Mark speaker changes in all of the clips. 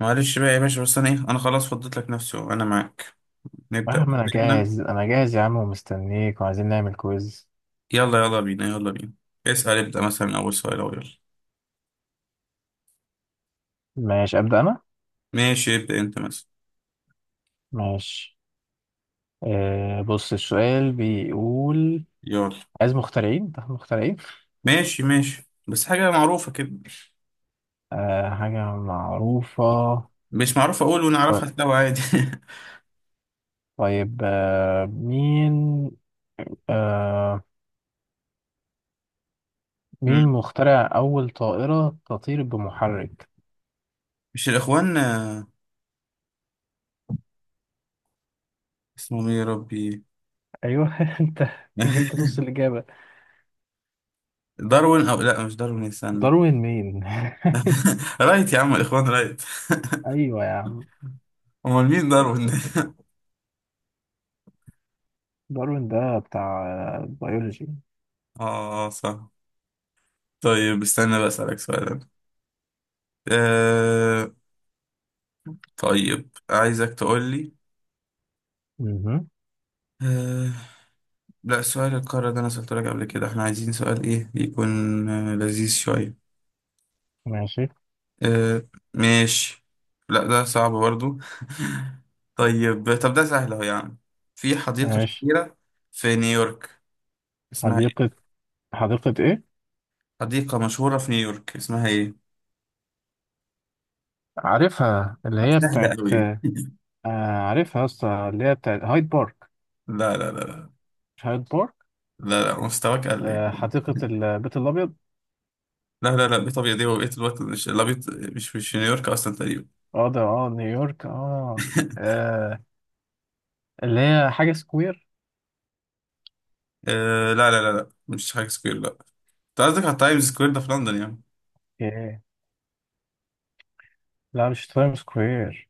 Speaker 1: معلش بقى يا باشا، بس انا ايه انا خلاص فضيت لك نفسي، انا معاك.
Speaker 2: يا
Speaker 1: نبدأ
Speaker 2: عم انا
Speaker 1: اسئلتنا.
Speaker 2: جاهز يا عم ومستنيك وعايزين نعمل كويز.
Speaker 1: يلا يلا بينا، يلا بينا. اسأل، ابدأ مثلا من اول سؤال، او يلا.
Speaker 2: ماشي ابدا انا.
Speaker 1: ماشي ابدأ انت مثلا.
Speaker 2: ماشي. بص السؤال بيقول:
Speaker 1: يلا.
Speaker 2: عايز مخترعين. ده مخترعين؟
Speaker 1: ماشي ماشي. بس حاجة معروفة كده.
Speaker 2: حاجة معروفة.
Speaker 1: مش معروفة اقول
Speaker 2: طيب.
Speaker 1: ونعرفها سوا عادي.
Speaker 2: طيب، مين. آه مين
Speaker 1: مم.
Speaker 2: مخترع اول طائرة تطير بمحرك؟
Speaker 1: مش الاخوان، اسمهم ايه يا ربي؟
Speaker 2: ايوه انت جبت نص الاجابة.
Speaker 1: داروين، او لا مش داروين، استنى.
Speaker 2: داروين مين؟
Speaker 1: رايت يا عم، الاخوان رايت.
Speaker 2: ايوه يا عم.
Speaker 1: امال مين داروين ده؟
Speaker 2: داروين ده بتاع بيولوجي.
Speaker 1: اه صح. طيب استنى بقى اسألك سؤال أنا. آه، طيب عايزك تقولي.
Speaker 2: مهم.
Speaker 1: آه... لا، سؤال القارة ده أنا سألته لك قبل كده، احنا عايزين سؤال إيه يكون، لذيذ شوية.
Speaker 2: ماشي
Speaker 1: آه... ماشي. لا ده صعب برضو. طيب، طب ده سهل أهو يعني. في حديقة
Speaker 2: ماشي.
Speaker 1: شهيرة في نيويورك، اسمها
Speaker 2: حديقة.
Speaker 1: إيه؟
Speaker 2: حديقة إيه؟
Speaker 1: حديقة مشهورة في نيويورك، اسمها إيه؟
Speaker 2: عارفها اللي هي
Speaker 1: سهلة
Speaker 2: بتاعت.
Speaker 1: أوي.
Speaker 2: آه عارفها يا اسطى، اللي هي بتاعت هايد بارك.
Speaker 1: لا لا لا لا.
Speaker 2: مش هايد بارك.
Speaker 1: لا لا مستواك قل.
Speaker 2: آه حديقة البيت الأبيض.
Speaker 1: لا لا لا بطبيعة دي وبقية الوقت، مش لا بيط... مش في نيويورك أصلا تقريبا.
Speaker 2: اه ده اه نيويورك اه، آه اللي هي حاجة سكوير.
Speaker 1: آه لا لا لا لا، مش حاجة سكوير لا. انت قصدك على تايمز سكوير، ده في لندن يعني؟
Speaker 2: إيه؟ لا مش تايم سكوير.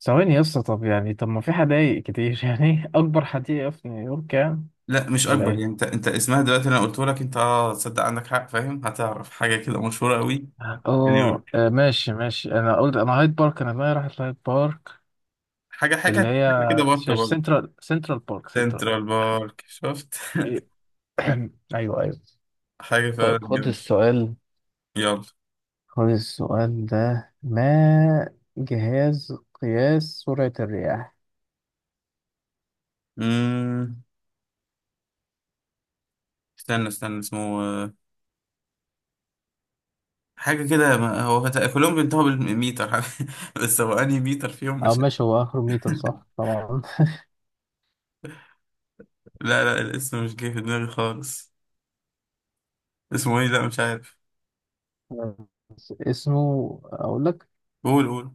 Speaker 2: ثواني يا اسطى، طب يعني طب ما في حدايق كتير يعني أكبر حديقة في نيويورك يعني.
Speaker 1: لا مش
Speaker 2: ولا
Speaker 1: اكبر
Speaker 2: إيه؟
Speaker 1: يعني، انت اسمها دلوقتي، انا قلت لك انت اه تصدق عندك حق، فاهم هتعرف حاجة كده مشهورة قوي.
Speaker 2: اه
Speaker 1: في نيويورك.
Speaker 2: ماشي ماشي، انا قلت انا هايد بارك، انا دماغي راحت هايد بارك.
Speaker 1: حاجة
Speaker 2: اللي
Speaker 1: حاجة
Speaker 2: هي
Speaker 1: حاجة كده بارك برضه.
Speaker 2: سنترال بارك.
Speaker 1: سنترال بارك، شفت.
Speaker 2: طيب. ايوه ايوه.
Speaker 1: حاجة فعلا
Speaker 2: طيب خد
Speaker 1: جامدة.
Speaker 2: السؤال.
Speaker 1: يلا.
Speaker 2: خد السؤال ده: ما جهاز قياس سرعة الرياح؟
Speaker 1: امم استنى استنى، اسمه حاجة كده ما- هو فت- كلهم بينتهوا بالميتر. بس هو انهي ميتر فيهم
Speaker 2: او
Speaker 1: مش.
Speaker 2: ماشي هو اخره متر صح طبعا.
Speaker 1: لا لا، الاسم مش جاي في دماغي خالص. اسمه ايه؟ لا مش عارف.
Speaker 2: بس اسمه اقول لك:
Speaker 1: قول قول.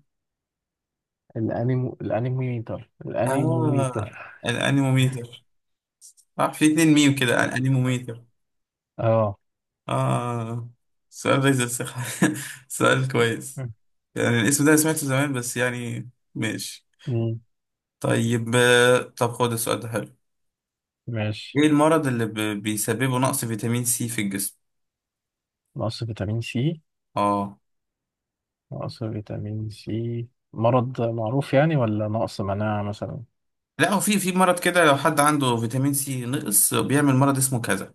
Speaker 1: آه،
Speaker 2: الانيموميتر
Speaker 1: الأنيموميتر. صح، في اتنين ميم كده،
Speaker 2: اه.
Speaker 1: الأنيموميتر.
Speaker 2: آه.
Speaker 1: آه، سؤال غيظ الثقة. سؤال كويس. يعني الاسم ده أنا سمعته زمان بس يعني. ماشي.
Speaker 2: مم.
Speaker 1: طيب طب خد السؤال ده حلو.
Speaker 2: ماشي.
Speaker 1: ايه المرض اللي ب- بيسببه نقص فيتامين سي في الجسم؟
Speaker 2: نقص فيتامين سي.
Speaker 1: اه.
Speaker 2: نقص فيتامين سي. مرض معروف يعني ولا نقص مناعة مثلا؟
Speaker 1: لا، هو في مرض كده، لو حد عنده فيتامين سي نقص بيعمل مرض اسمه كذا.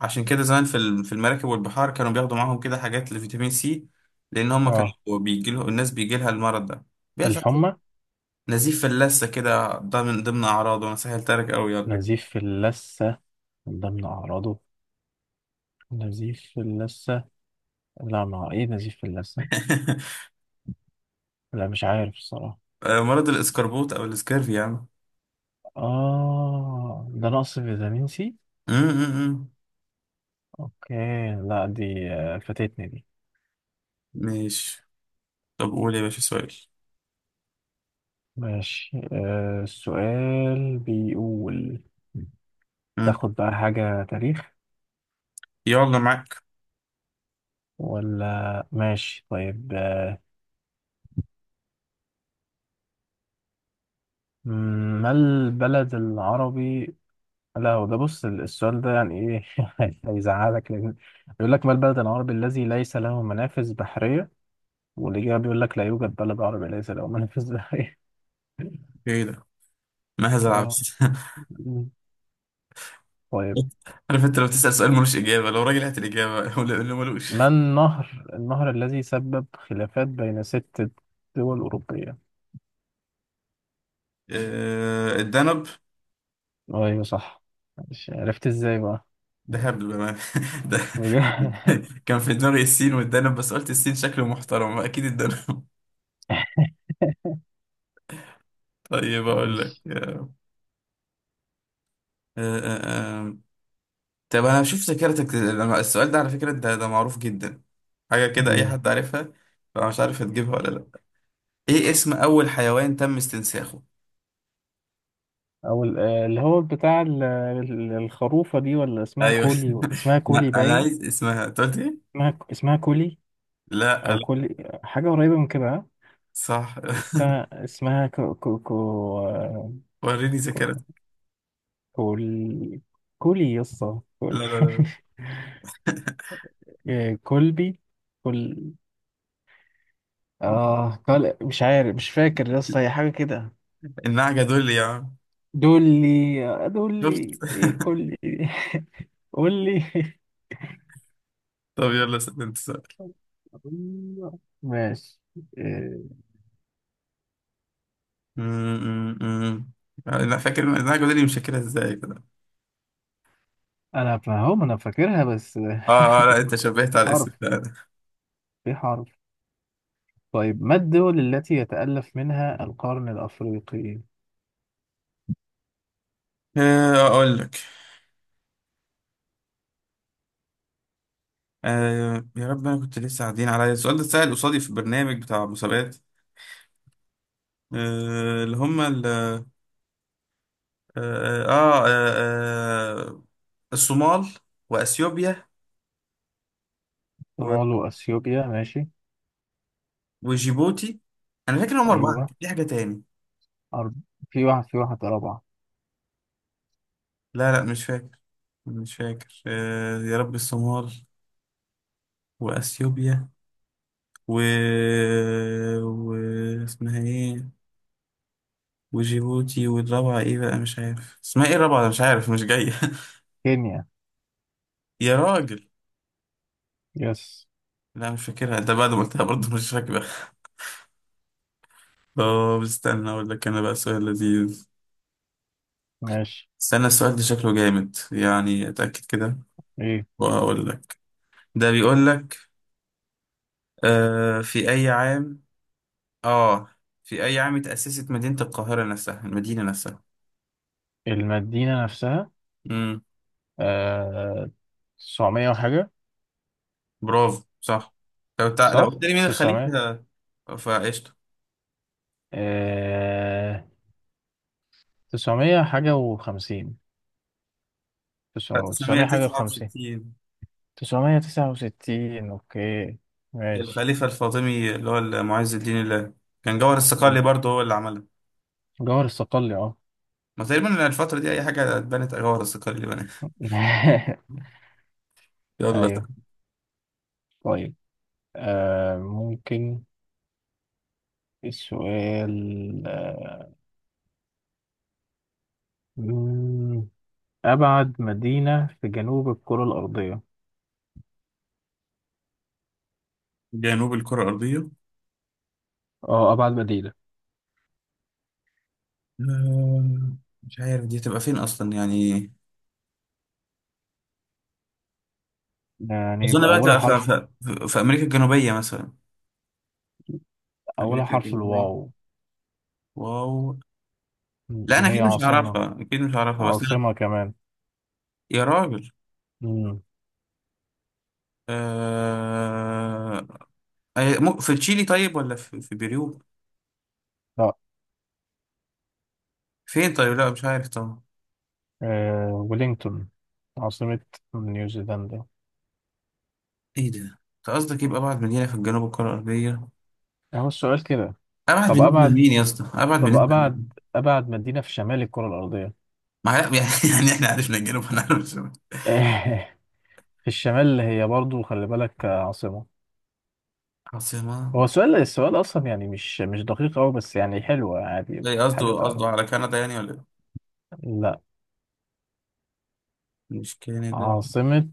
Speaker 1: عشان كده زمان في المراكب والبحار، كانوا بياخدوا معاهم كده حاجات لفيتامين سي، لأن هم
Speaker 2: اه
Speaker 1: كانوا بيجيلهم، الناس بيجيلها المرض ده، بيحصل
Speaker 2: الحمى.
Speaker 1: نزيف فلاسة كده، ده من ضمن أعراضه. أنا سهلت لك أوي على فكرة.
Speaker 2: نزيف في اللثة. من ضمن أعراضه نزيف في اللثة. لا ما ايه نزيف في اللثة. لا مش عارف الصراحة.
Speaker 1: مرض الإسكربوت أو الإسكرف يا عم.
Speaker 2: اه ده نقص فيتامين سي.
Speaker 1: أم، أم، أم.
Speaker 2: اوكي. لا دي فاتتني دي.
Speaker 1: ماشي. طب قول يا باشا سؤال.
Speaker 2: ماشي. السؤال بيقول:
Speaker 1: أم.
Speaker 2: تاخد بقى حاجة تاريخ
Speaker 1: يلا معاك.
Speaker 2: ولا ماشي؟ طيب، ما البلد العربي؟ لا هو ده بص السؤال ده يعني ايه. هيزعلك لان بيقول لك: ما البلد العربي الذي ليس له منافذ بحرية؟ والإجابة بيقول لك: لا يوجد بلد عربي ليس له منافذ بحري.
Speaker 1: إيه ده؟ ماذا
Speaker 2: آه.
Speaker 1: العبس؟
Speaker 2: مم. طيب.
Speaker 1: عارف أنت لو تسأل سؤال ملوش إجابة لو راجل هات الإجابة ولا اللي ملوش.
Speaker 2: ما النهر الذي سبب خلافات بين ست دول أوروبية؟
Speaker 1: الدنب.
Speaker 2: أيوة صح. مش عرفت إزاي بقى.
Speaker 1: ده هبل بأمانة. ده كان في دماغي السين والدنب، بس قلت السين شكله محترم، أكيد الدنب. طيب أقول لك.
Speaker 2: ماشي.
Speaker 1: آه، آه، آه. طب انا بشوف ذاكرتك، لما- السؤال ده على فكرة انت ده معروف جدا، حاجة كده اي
Speaker 2: مم.
Speaker 1: حد عارفها، فانا مش عارف هتجيبها ولا لا. ايه اسم اول حيوان تم استنساخه؟
Speaker 2: أو اللي هو بتاع الخروفة دي، ولا اسمها
Speaker 1: ايوه.
Speaker 2: كولي. اسمها كولي
Speaker 1: لا انا
Speaker 2: باين.
Speaker 1: عايز اسمها انت قلت ايه.
Speaker 2: اسمها اسمها كولي.
Speaker 1: لا
Speaker 2: أو
Speaker 1: لا.
Speaker 2: كولي حاجة قريبة من كده، ها؟
Speaker 1: صح.
Speaker 2: الس- اسمها كو كو.
Speaker 1: وريني
Speaker 2: كو.
Speaker 1: ذاكرتك.
Speaker 2: كول. كولي يسطا
Speaker 1: لا
Speaker 2: كول.
Speaker 1: لا لا.
Speaker 2: إيه، كولبي. كول.
Speaker 1: لا.
Speaker 2: اه كول مش عارف مش فاكر يسطا، هي حاجة كده.
Speaker 1: النعجة دول يا عم.
Speaker 2: دولي.
Speaker 1: شفت.
Speaker 2: دولي ايه كولي. قولي.
Speaker 1: طب يلا سأل انت سؤال.
Speaker 2: ماشي. إيه،
Speaker 1: م- م- م. انا فاكر إن النعجة دول، مش فاكرها ازاي كده.
Speaker 2: انا فاهم انا فاكرها بس.
Speaker 1: اه اه، لا انت شبهت
Speaker 2: في
Speaker 1: على الاسم
Speaker 2: حرف.
Speaker 1: فعلا.
Speaker 2: في حرف. طيب، ما الدول التي يتألف منها القرن الأفريقي؟
Speaker 1: اقول لك. آه يا رب، انا كنت لسه قاعدين عليا السؤال ده اتسأل قصادي في برنامج بتاع مسابقات. آه اللي هم ال آه, آه, آه, آه آه، الصومال واثيوبيا و-
Speaker 2: صومال وأثيوبيا ماشي.
Speaker 1: وجيبوتي. انا فاكر هم اربعه،
Speaker 2: أيوه.
Speaker 1: كان في حاجه تاني.
Speaker 2: أرب... في واحد رابعة.
Speaker 1: لا لا مش فاكر. مش فاكر. آه يا رب، الصومال واثيوبيا و... و اسمها ايه؟ وجيبوتي، والرابعه ايه بقى؟ مش عارف اسمها ايه الرابعه، مش عارف مش جايه.
Speaker 2: كينيا.
Speaker 1: يا راجل.
Speaker 2: يس.
Speaker 1: لا مش فاكرها، انت بعد ما قلتها برضه مش فاكرة. طب استنى اقول لك انا بقى سؤال لذيذ.
Speaker 2: ماشي.
Speaker 1: استنى السؤال ده شكله جامد، يعني اتأكد كده
Speaker 2: ايه
Speaker 1: واقول لك. ده بيقول لك في اي عام، اه، في اي عام اتأسست مدينة القاهرة نفسها، المدينة نفسها؟
Speaker 2: المدينة نفسها.
Speaker 1: امم.
Speaker 2: آه... 900 وحاجة.
Speaker 1: برافو صح. لو تع... لو
Speaker 2: صح؟
Speaker 1: قلت لي مين
Speaker 2: 900.
Speaker 1: الخليفة فقشطة.
Speaker 2: آه... 900 حاجة و50.
Speaker 1: لا
Speaker 2: 900 حاجة و50.
Speaker 1: 969.
Speaker 2: 969. اوكي. ماشي.
Speaker 1: الخليفة الفاطمي اللي هو معز الدين الله، كان جوهر الصقلي
Speaker 2: مم.
Speaker 1: برضه هو اللي عملها.
Speaker 2: جوهر الصقلي اه.
Speaker 1: ما تقريبا الفترة دي أي حاجة اتبنت، هو الرصاقية اللي بناها. يلا.
Speaker 2: ايوه. طيب ممكن السؤال. مم، أبعد مدينة في جنوب الكرة الأرضية.
Speaker 1: جنوب الكرة الأرضية،
Speaker 2: اه أبعد مدينة.
Speaker 1: آه، مش عارف دي هتبقى فين أصلا يعني.
Speaker 2: يعني
Speaker 1: أظن
Speaker 2: يبقى
Speaker 1: بقى
Speaker 2: أولها
Speaker 1: تبقى في,
Speaker 2: حرف.
Speaker 1: في, في, في أمريكا الجنوبية مثلا. في
Speaker 2: أولها
Speaker 1: أمريكا
Speaker 2: حرف
Speaker 1: الجنوبية.
Speaker 2: الواو.
Speaker 1: واو.
Speaker 2: مم.
Speaker 1: لا أنا
Speaker 2: وهي
Speaker 1: أكيد مش
Speaker 2: عاصمة.
Speaker 1: هعرفها، أكيد مش هعرفها، بس أنا.
Speaker 2: عاصمة كمان.
Speaker 1: يا راجل.
Speaker 2: مم.
Speaker 1: آه... أي- مو- في تشيلي طيب، ولا في, في بيرو؟
Speaker 2: لا
Speaker 1: فين طيب، لا مش عارف طبعا.
Speaker 2: آه ويلينغتون، عاصمة نيوزيلندا.
Speaker 1: إيه ده؟ أنت قصدك يبقى أبعد مدينة في الجنوب الكرة الأرضية؟
Speaker 2: أهو السؤال كده.
Speaker 1: أبعد
Speaker 2: طب
Speaker 1: بالنسبة
Speaker 2: أبعد.
Speaker 1: لمين يا اسطى؟ أبعد
Speaker 2: طب
Speaker 1: بالنسبة
Speaker 2: أبعد.
Speaker 1: لمين؟
Speaker 2: أبعد مدينة في شمال الكرة الأرضية.
Speaker 1: ما هي- يعني احنا عرفنا الجنوب هنعرف الشمال.
Speaker 2: في الشمال هي برضو خلي بالك عاصمة.
Speaker 1: عاصمة.
Speaker 2: هو السؤال، السؤال أصلا يعني مش مش دقيق أوي بس يعني حلو، عادي
Speaker 1: زي
Speaker 2: حاجة
Speaker 1: قصده
Speaker 2: تعرف.
Speaker 1: على كندا يعني ولا إيه؟
Speaker 2: لا.
Speaker 1: مش كندا.
Speaker 2: عاصمة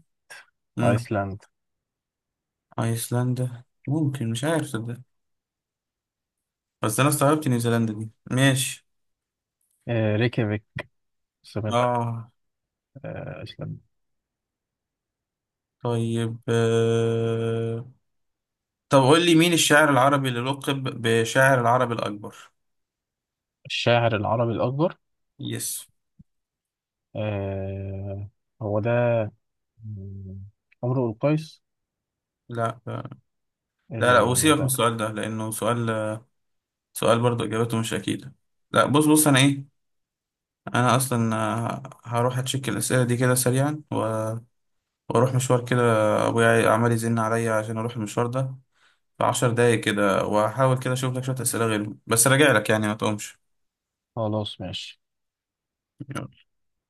Speaker 1: امم.
Speaker 2: أيسلندا.
Speaker 1: ايسلندا ممكن، مش عارف صدق، بس انا استغربت نيوزيلندا دي ماشي.
Speaker 2: آه ريكيافيك، عاصمة
Speaker 1: اه.
Speaker 2: أيسلندا.
Speaker 1: طيب طب قول لي مين الشاعر العربي اللي لقب بشاعر العرب الأكبر؟
Speaker 2: الشاعر العربي الأكبر.
Speaker 1: يس.
Speaker 2: آه هو ده، آه، عمرو القيس.
Speaker 1: لا لا لا، وسيبك من
Speaker 2: المتابع.
Speaker 1: السؤال ده لأنه سؤال، سؤال برضه إجابته مش أكيدة. لا بص بص، أنا إيه، أنا أصلا هروح أتشيك الأسئلة دي كده سريعا، واروح مشوار كده، ابويا عمال يزن عليا عشان اروح المشوار ده في 10 دقايق كده، وهحاول كده اشوف لك شويه اسئله غيرهم، بس راجع لك يعني، ما تقومش.
Speaker 2: خلاص ماشي.